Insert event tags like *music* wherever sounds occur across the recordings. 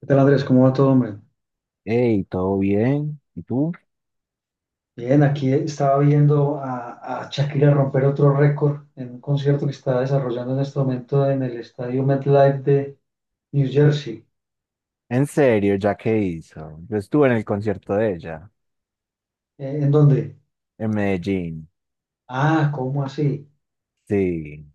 ¿Qué tal, Andrés? ¿Cómo va todo, hombre? Hey, ¿todo bien? ¿Y tú? Bien, aquí estaba viendo a Shakira romper otro récord en un concierto que está desarrollando en este momento en el estadio MetLife de New Jersey. En serio, ¿ya qué hizo? Yo estuve en el concierto de ella, ¿En dónde? en Medellín. Ah, ¿cómo así? Sí,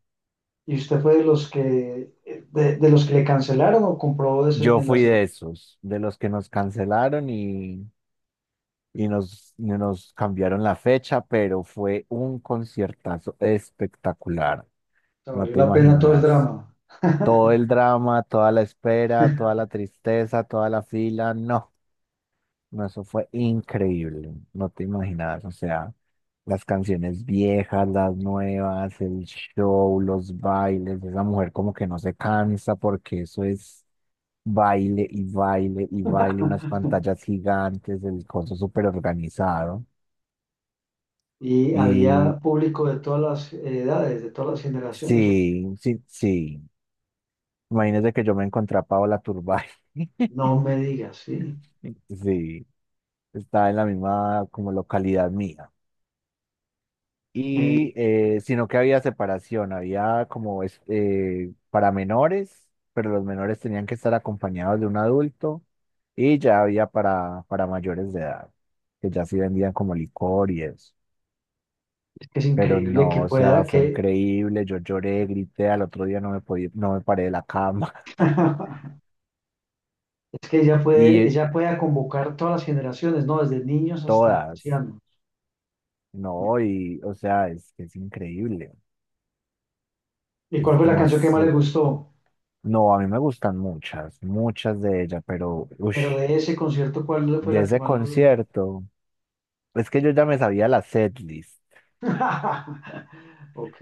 ¿Y usted fue de los que de los que le cancelaron o compró yo en la fui de segunda? O esos, de los que nos cancelaron y nos cambiaron la fecha, pero fue un conciertazo espectacular. sea, No valió te la pena todo el imaginas. drama. Todo *laughs* el drama, toda la espera, toda la tristeza, toda la fila, no, no, eso fue increíble. No te imaginas, o sea. Las canciones viejas, las nuevas, el show, los bailes, esa mujer como que no se cansa porque eso es baile y baile y baile, unas pantallas gigantes, el coso súper organizado. Y Y había público de todas las edades, de todas las generaciones. ¿O qué? sí, sí, sí. Imagínese que yo me encontré a Paola Turbay. *laughs* No me digas, sí. Sí, estaba en la misma como localidad mía. Y Eh, sino que había separación, había como para menores, pero los menores tenían que estar acompañados de un adulto y ya había para mayores de edad, que ya sí vendían como licor y eso. es que es Pero increíble no, que o pueda sea, fue que increíble, yo lloré, grité, al otro día no me paré de la cama. *laughs* *laughs* Es que Y ella puede convocar todas las generaciones, ¿no? Desde niños hasta todas, ancianos. no, y o sea, es que es increíble, ¿Y cuál es fue la canción que más le demasiado. gustó? No, a mí me gustan muchas, muchas de ellas, pero uff. Pero de ese concierto, ¿cuál fue De la que ese más lo... concierto, es que yo ya me sabía la setlist, *laughs*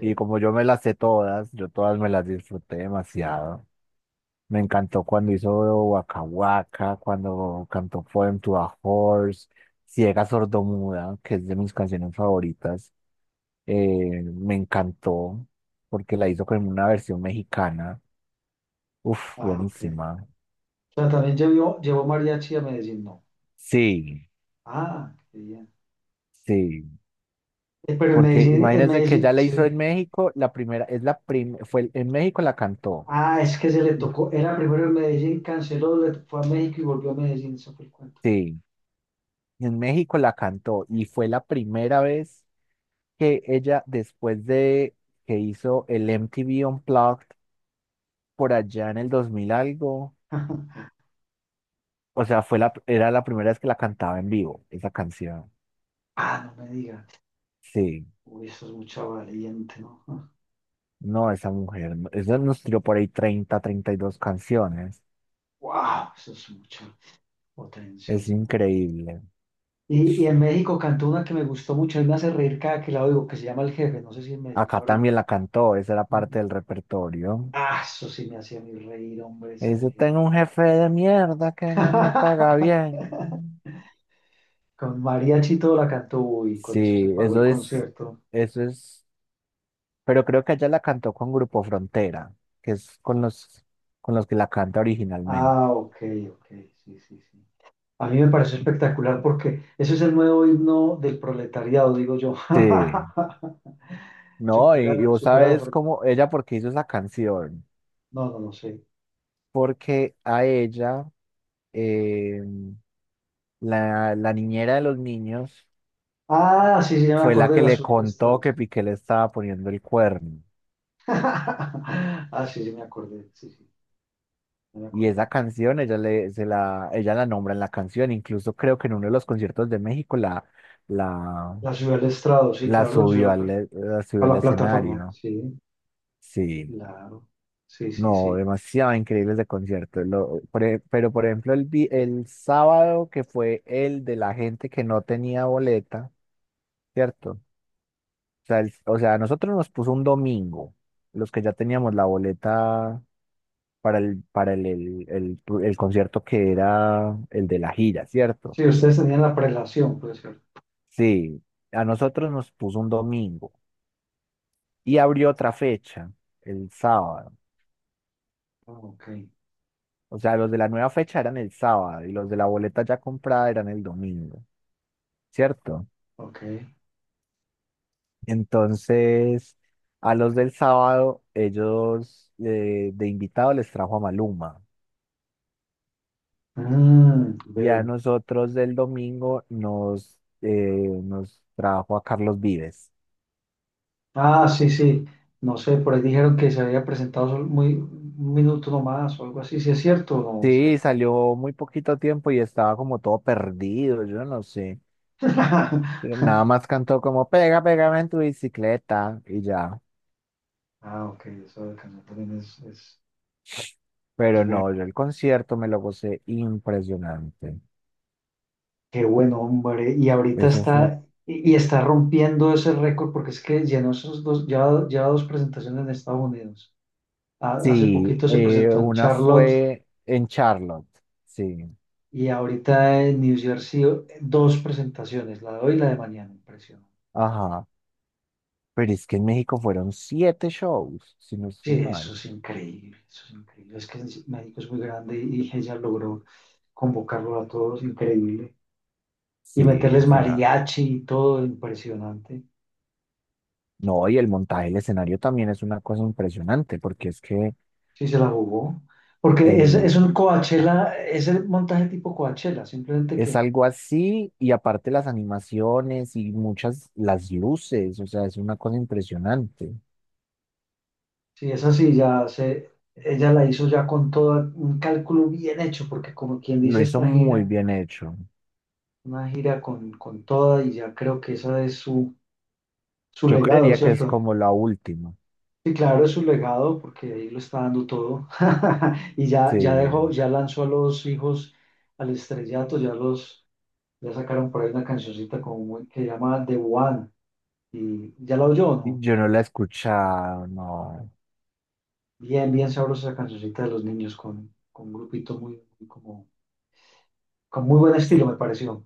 y como yo me las sé todas, yo todas me las disfruté demasiado. Me encantó cuando hizo Waka Waka, cuando cantó Poem to a Horse, Ciega Sordomuda, que es de mis canciones favoritas. Me encantó porque la hizo con una versión mexicana. Uf, ah, ok. buenísima. O sea, también llevó, llevó mariachi a Medellín, no. Sí, Ah, qué bien. sí. Pero Porque en imagínense que Medellín, ya la sí. hizo en México, la primera, fue en México la cantó. Ah, es que se le tocó, era primero en Medellín, canceló, le fue a México y volvió a Medellín, eso fue el cuento. Sí, en México la cantó y fue la primera vez que ella, después de que hizo el MTV Unplugged por allá en el 2000 algo. *laughs* O sea, era la primera vez que la cantaba en vivo, esa canción. Ah, no me diga. Sí, Uy, eso es mucha valiente, ¿no? no, esa mujer, esa nos tiró por ahí 30, 32 canciones, Wow, eso es mucho. Potencia. es ¿No? increíble. Y en México cantó una que me gustó mucho y me hace reír cada que la oigo, que se llama El Jefe. No sé si en Medellín la Acá habrá. también la cantó, esa era parte del repertorio. Ah, eso sí me hacía a mí reír, hombre, esa del Dice, jefe. tengo un jefe de mierda que no me paga *laughs* bien. Con mariachi y todo la cantó, uy, con eso se Sí, pagó el concierto. eso es, pero creo que ella la cantó con Grupo Frontera, que es con los que la canta originalmente. Ah, ok, ok, sí, sí, sí. A mí me pareció espectacular porque ese es el nuevo himno del proletariado, digo yo. Sí, *laughs* no, y, Supera, y vos supera la sabes forma. cómo ella, por qué hizo esa canción, No, no, no sé. porque a ella, eh, la niñera de los niños, Ah, sí, sí, ya me fue la acordé de que la le Soledad Estrada. contó que Piqué le estaba poniendo el cuerno. *laughs* Ah, sí, sí, me acordé, sí, sí, ya me Y acordé. esa canción, ella la nombra en la canción, incluso creo que en uno de los conciertos de México la, La ciudad del estrado, sí, La claro, la ciudad de subió al, e, la a subió al la plataforma, escenario. sí, Sí, claro, sí, sí, no, sí. demasiado increíble ese concierto. Pero, por ejemplo, el sábado que fue el de la gente que no tenía boleta, ¿cierto? O sea, o sea, a nosotros nos puso un domingo, los que ya teníamos la boleta para el concierto que era el de la gira, ¿cierto? Sí, ustedes tenían la prelación, puede ser. Sí, a nosotros nos puso un domingo y abrió otra fecha, el sábado. Ah, ok, O sea, los de la nueva fecha eran el sábado y los de la boleta ya comprada eran el domingo, ¿cierto? ok. Entonces, a los del sábado, ellos de invitado les trajo a Maluma Mm, y a veo. nosotros del domingo nos trajo a Carlos Vives. Ah, sí, sí, no sé, por ahí dijeron que se había presentado solo muy, un minuto nomás o algo así, si es cierto o no. Sí, es Sí, cierto. salió muy poquito tiempo y estaba como todo perdido, yo no sé. Nada más *laughs* cantó como pégame en tu bicicleta y ya. Ah, ok, eso de Cancún también es, es Pero no, yo bueno. el concierto me lo gocé impresionante. Qué buen hombre. Y ahorita Eso fue. está, y está rompiendo ese récord porque es que llenó esos dos, ya dos presentaciones en Estados Unidos. Hace Sí, poquito se presentó en una Charlotte fue en Charlotte, sí, y ahorita en New Jersey dos presentaciones, la de hoy y la de mañana. Impresionante. ajá, pero es que en México fueron siete shows, si no Sí, estoy eso mal. es increíble, eso es increíble. Es que México es muy grande y ella logró convocarlo a todos, increíble. Y Sí, o meterles sea, mariachi y todo, impresionante. no, y el montaje del escenario también es una cosa impresionante, porque es que Sí, se la jugó. Porque es, el, es un ah, Coachella, es el montaje tipo Coachella, simplemente es que algo así, y aparte las animaciones y las luces, o sea, es una cosa impresionante. si es así, ya se, ella la hizo ya con todo un cálculo bien hecho, porque como quien Lo dice hizo esta muy gira, bien hecho. una gira con toda y ya creo que esa es su Yo legado, creería que es ¿cierto? como la última, Sí, claro, es su legado, porque ahí lo está dando todo. *laughs* Y ya sí. dejó, ya lanzó a los hijos al estrellato, ya sacaron por ahí una cancioncita como que llama The One. Y ya la oyó, ¿no? Yo no la he escuchado, no. Bien, bien sabrosa esa cancioncita de los niños con un grupito muy, muy como, con muy buen Sí. estilo, me pareció.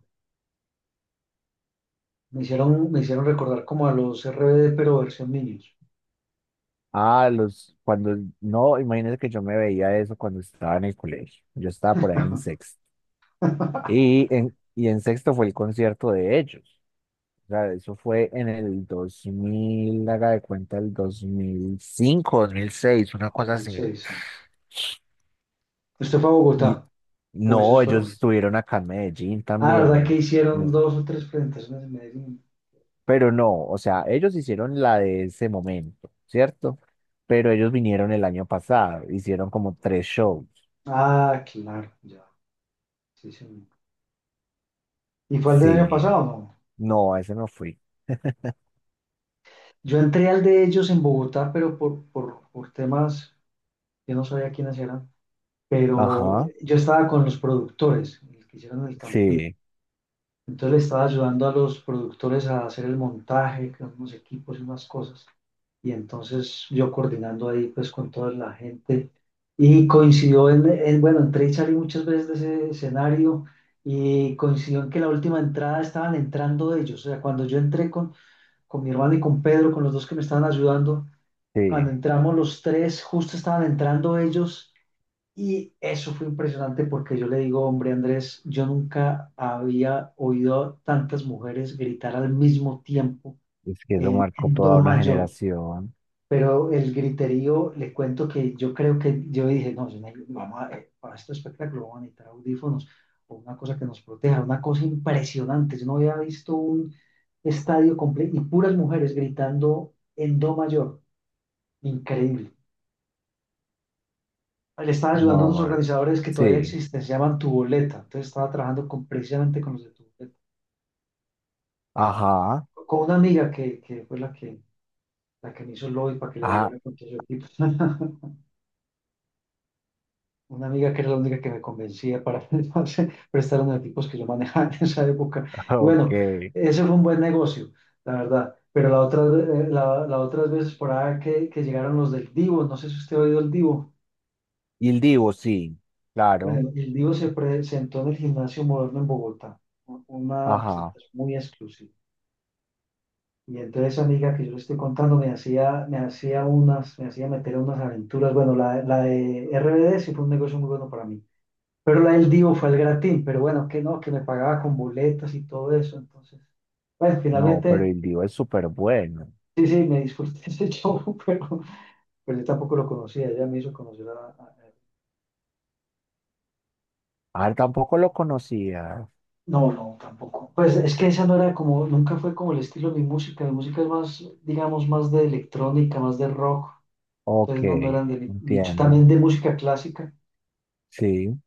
Me hicieron recordar como a los RBD, pero versión niños. Ah, no, imagínate que yo me veía eso cuando estaba en el colegio. Yo estaba por ahí en sexto. *laughs* Y en sexto fue el concierto de ellos. O sea, eso fue en el 2000, haga de cuenta, el dos mil cinco, 2006, una cosa así. 2006, sí. ¿Usted fue a Y Bogotá? ¿O no, esos ellos fueron? estuvieron acá en Medellín Ah, ¿verdad que también. hicieron dos o tres presentaciones en Medellín? Pero no, o sea, ellos hicieron la de ese momento, ¿cierto? Pero ellos vinieron el año pasado, hicieron como tres shows. Ah, claro, ya. Sí, sí. ¿Y fue el del año Sí, pasado? No. no, a ese no fui. *laughs* Yo entré al de ellos en Bogotá, pero por temas, yo no sabía quiénes eran, pero Ajá, yo estaba con los productores, los que hicieron el camping. sí, Entonces le estaba ayudando a los productores a hacer el montaje, con unos equipos y unas cosas. Y entonces yo coordinando ahí pues con toda la gente. Y coincidió bueno, entré y salí muchas veces de ese escenario y coincidió en que la última entrada estaban entrando ellos. O sea, cuando yo entré con mi hermano y con Pedro, con los dos que me estaban ayudando, cuando sí. entramos los tres, justo estaban entrando ellos y eso fue impresionante porque yo le digo, hombre, Andrés, yo nunca había oído a tantas mujeres gritar al mismo tiempo Es que eso en, marcó en do toda una mayor. generación. Pero el griterío, le cuento que yo creo que yo dije, no, yo ne- vamos a- para este espectáculo vamos a necesitar audífonos o una cosa que nos proteja, una cosa impresionante. Yo no había visto un estadio completo y puras mujeres gritando en do mayor. Increíble. Le están ayudando unos No, organizadores que todavía sí, existen, se llaman Tuboleta. Entonces estaba trabajando con, precisamente con los de Tuboleta. ajá, Con una amiga que fue la que me hizo el lobby para que le ah, ayudara con todo su equipo. *laughs* Una amiga que era la única que me convencía para *laughs* prestar los equipos que yo manejaba en esa época. *laughs* Y ok. bueno, ese fue un buen negocio, la verdad. Pero la otra, la otras veces por ahí que llegaron los del Divo, no sé si usted ha oído el Divo. Y el Divo, sí, claro, Bueno, el Divo se presentó en el Gimnasio Moderno en Bogotá, una ajá. presentación muy exclusiva. Y entonces esa amiga que yo le estoy contando me hacía meter unas aventuras. Bueno, la de RBD sí fue un negocio muy bueno para mí. Pero la del Divo fue el gratín, pero bueno, que no, que me pagaba con boletas y todo eso. Entonces, bueno, No, pero finalmente, el Divo es súper bueno. sí, sí, me disfruté *laughs* ese show, pero, yo tampoco lo conocía. Ella me hizo conocer. Ah, tampoco lo conocía. No, no, tampoco. Pues es que esa no era como, nunca fue como el estilo de mi música. Mi música es más, digamos, más de electrónica, más de rock. Ok, Entonces no, no eran de mi nicho. entiendo. También de música clásica. Sí.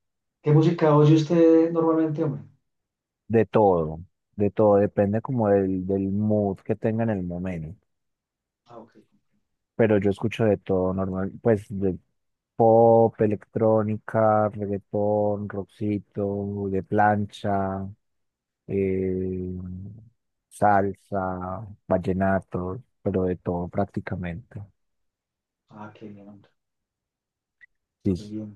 ¿Qué música oye usted normalmente, hombre? De todo, de todo, depende como del mood que tenga en el momento. Ah, ok. Pero yo escucho de todo normal, pues de pop, electrónica, reggaetón, rockcito, de plancha, eh, salsa, vallenato, pero de todo prácticamente. Ah, qué bien, hombre. Qué Sí, bien.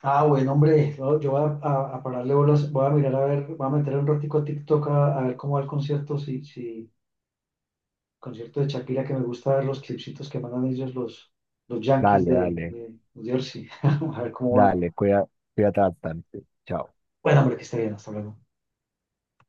Ah, bueno, hombre. No, yo voy a pararle bolas. Voy a mirar a ver, voy a meter un ratico a TikTok a ver cómo va el concierto. Si, si, concierto de Shakira, que me gusta ver los clipsitos que mandan ellos los Yankees dale, de, dale, de New Jersey. *laughs* A ver cómo van. dale, cuídate bastante. Chao. Bueno, hombre, que esté bien, hasta luego.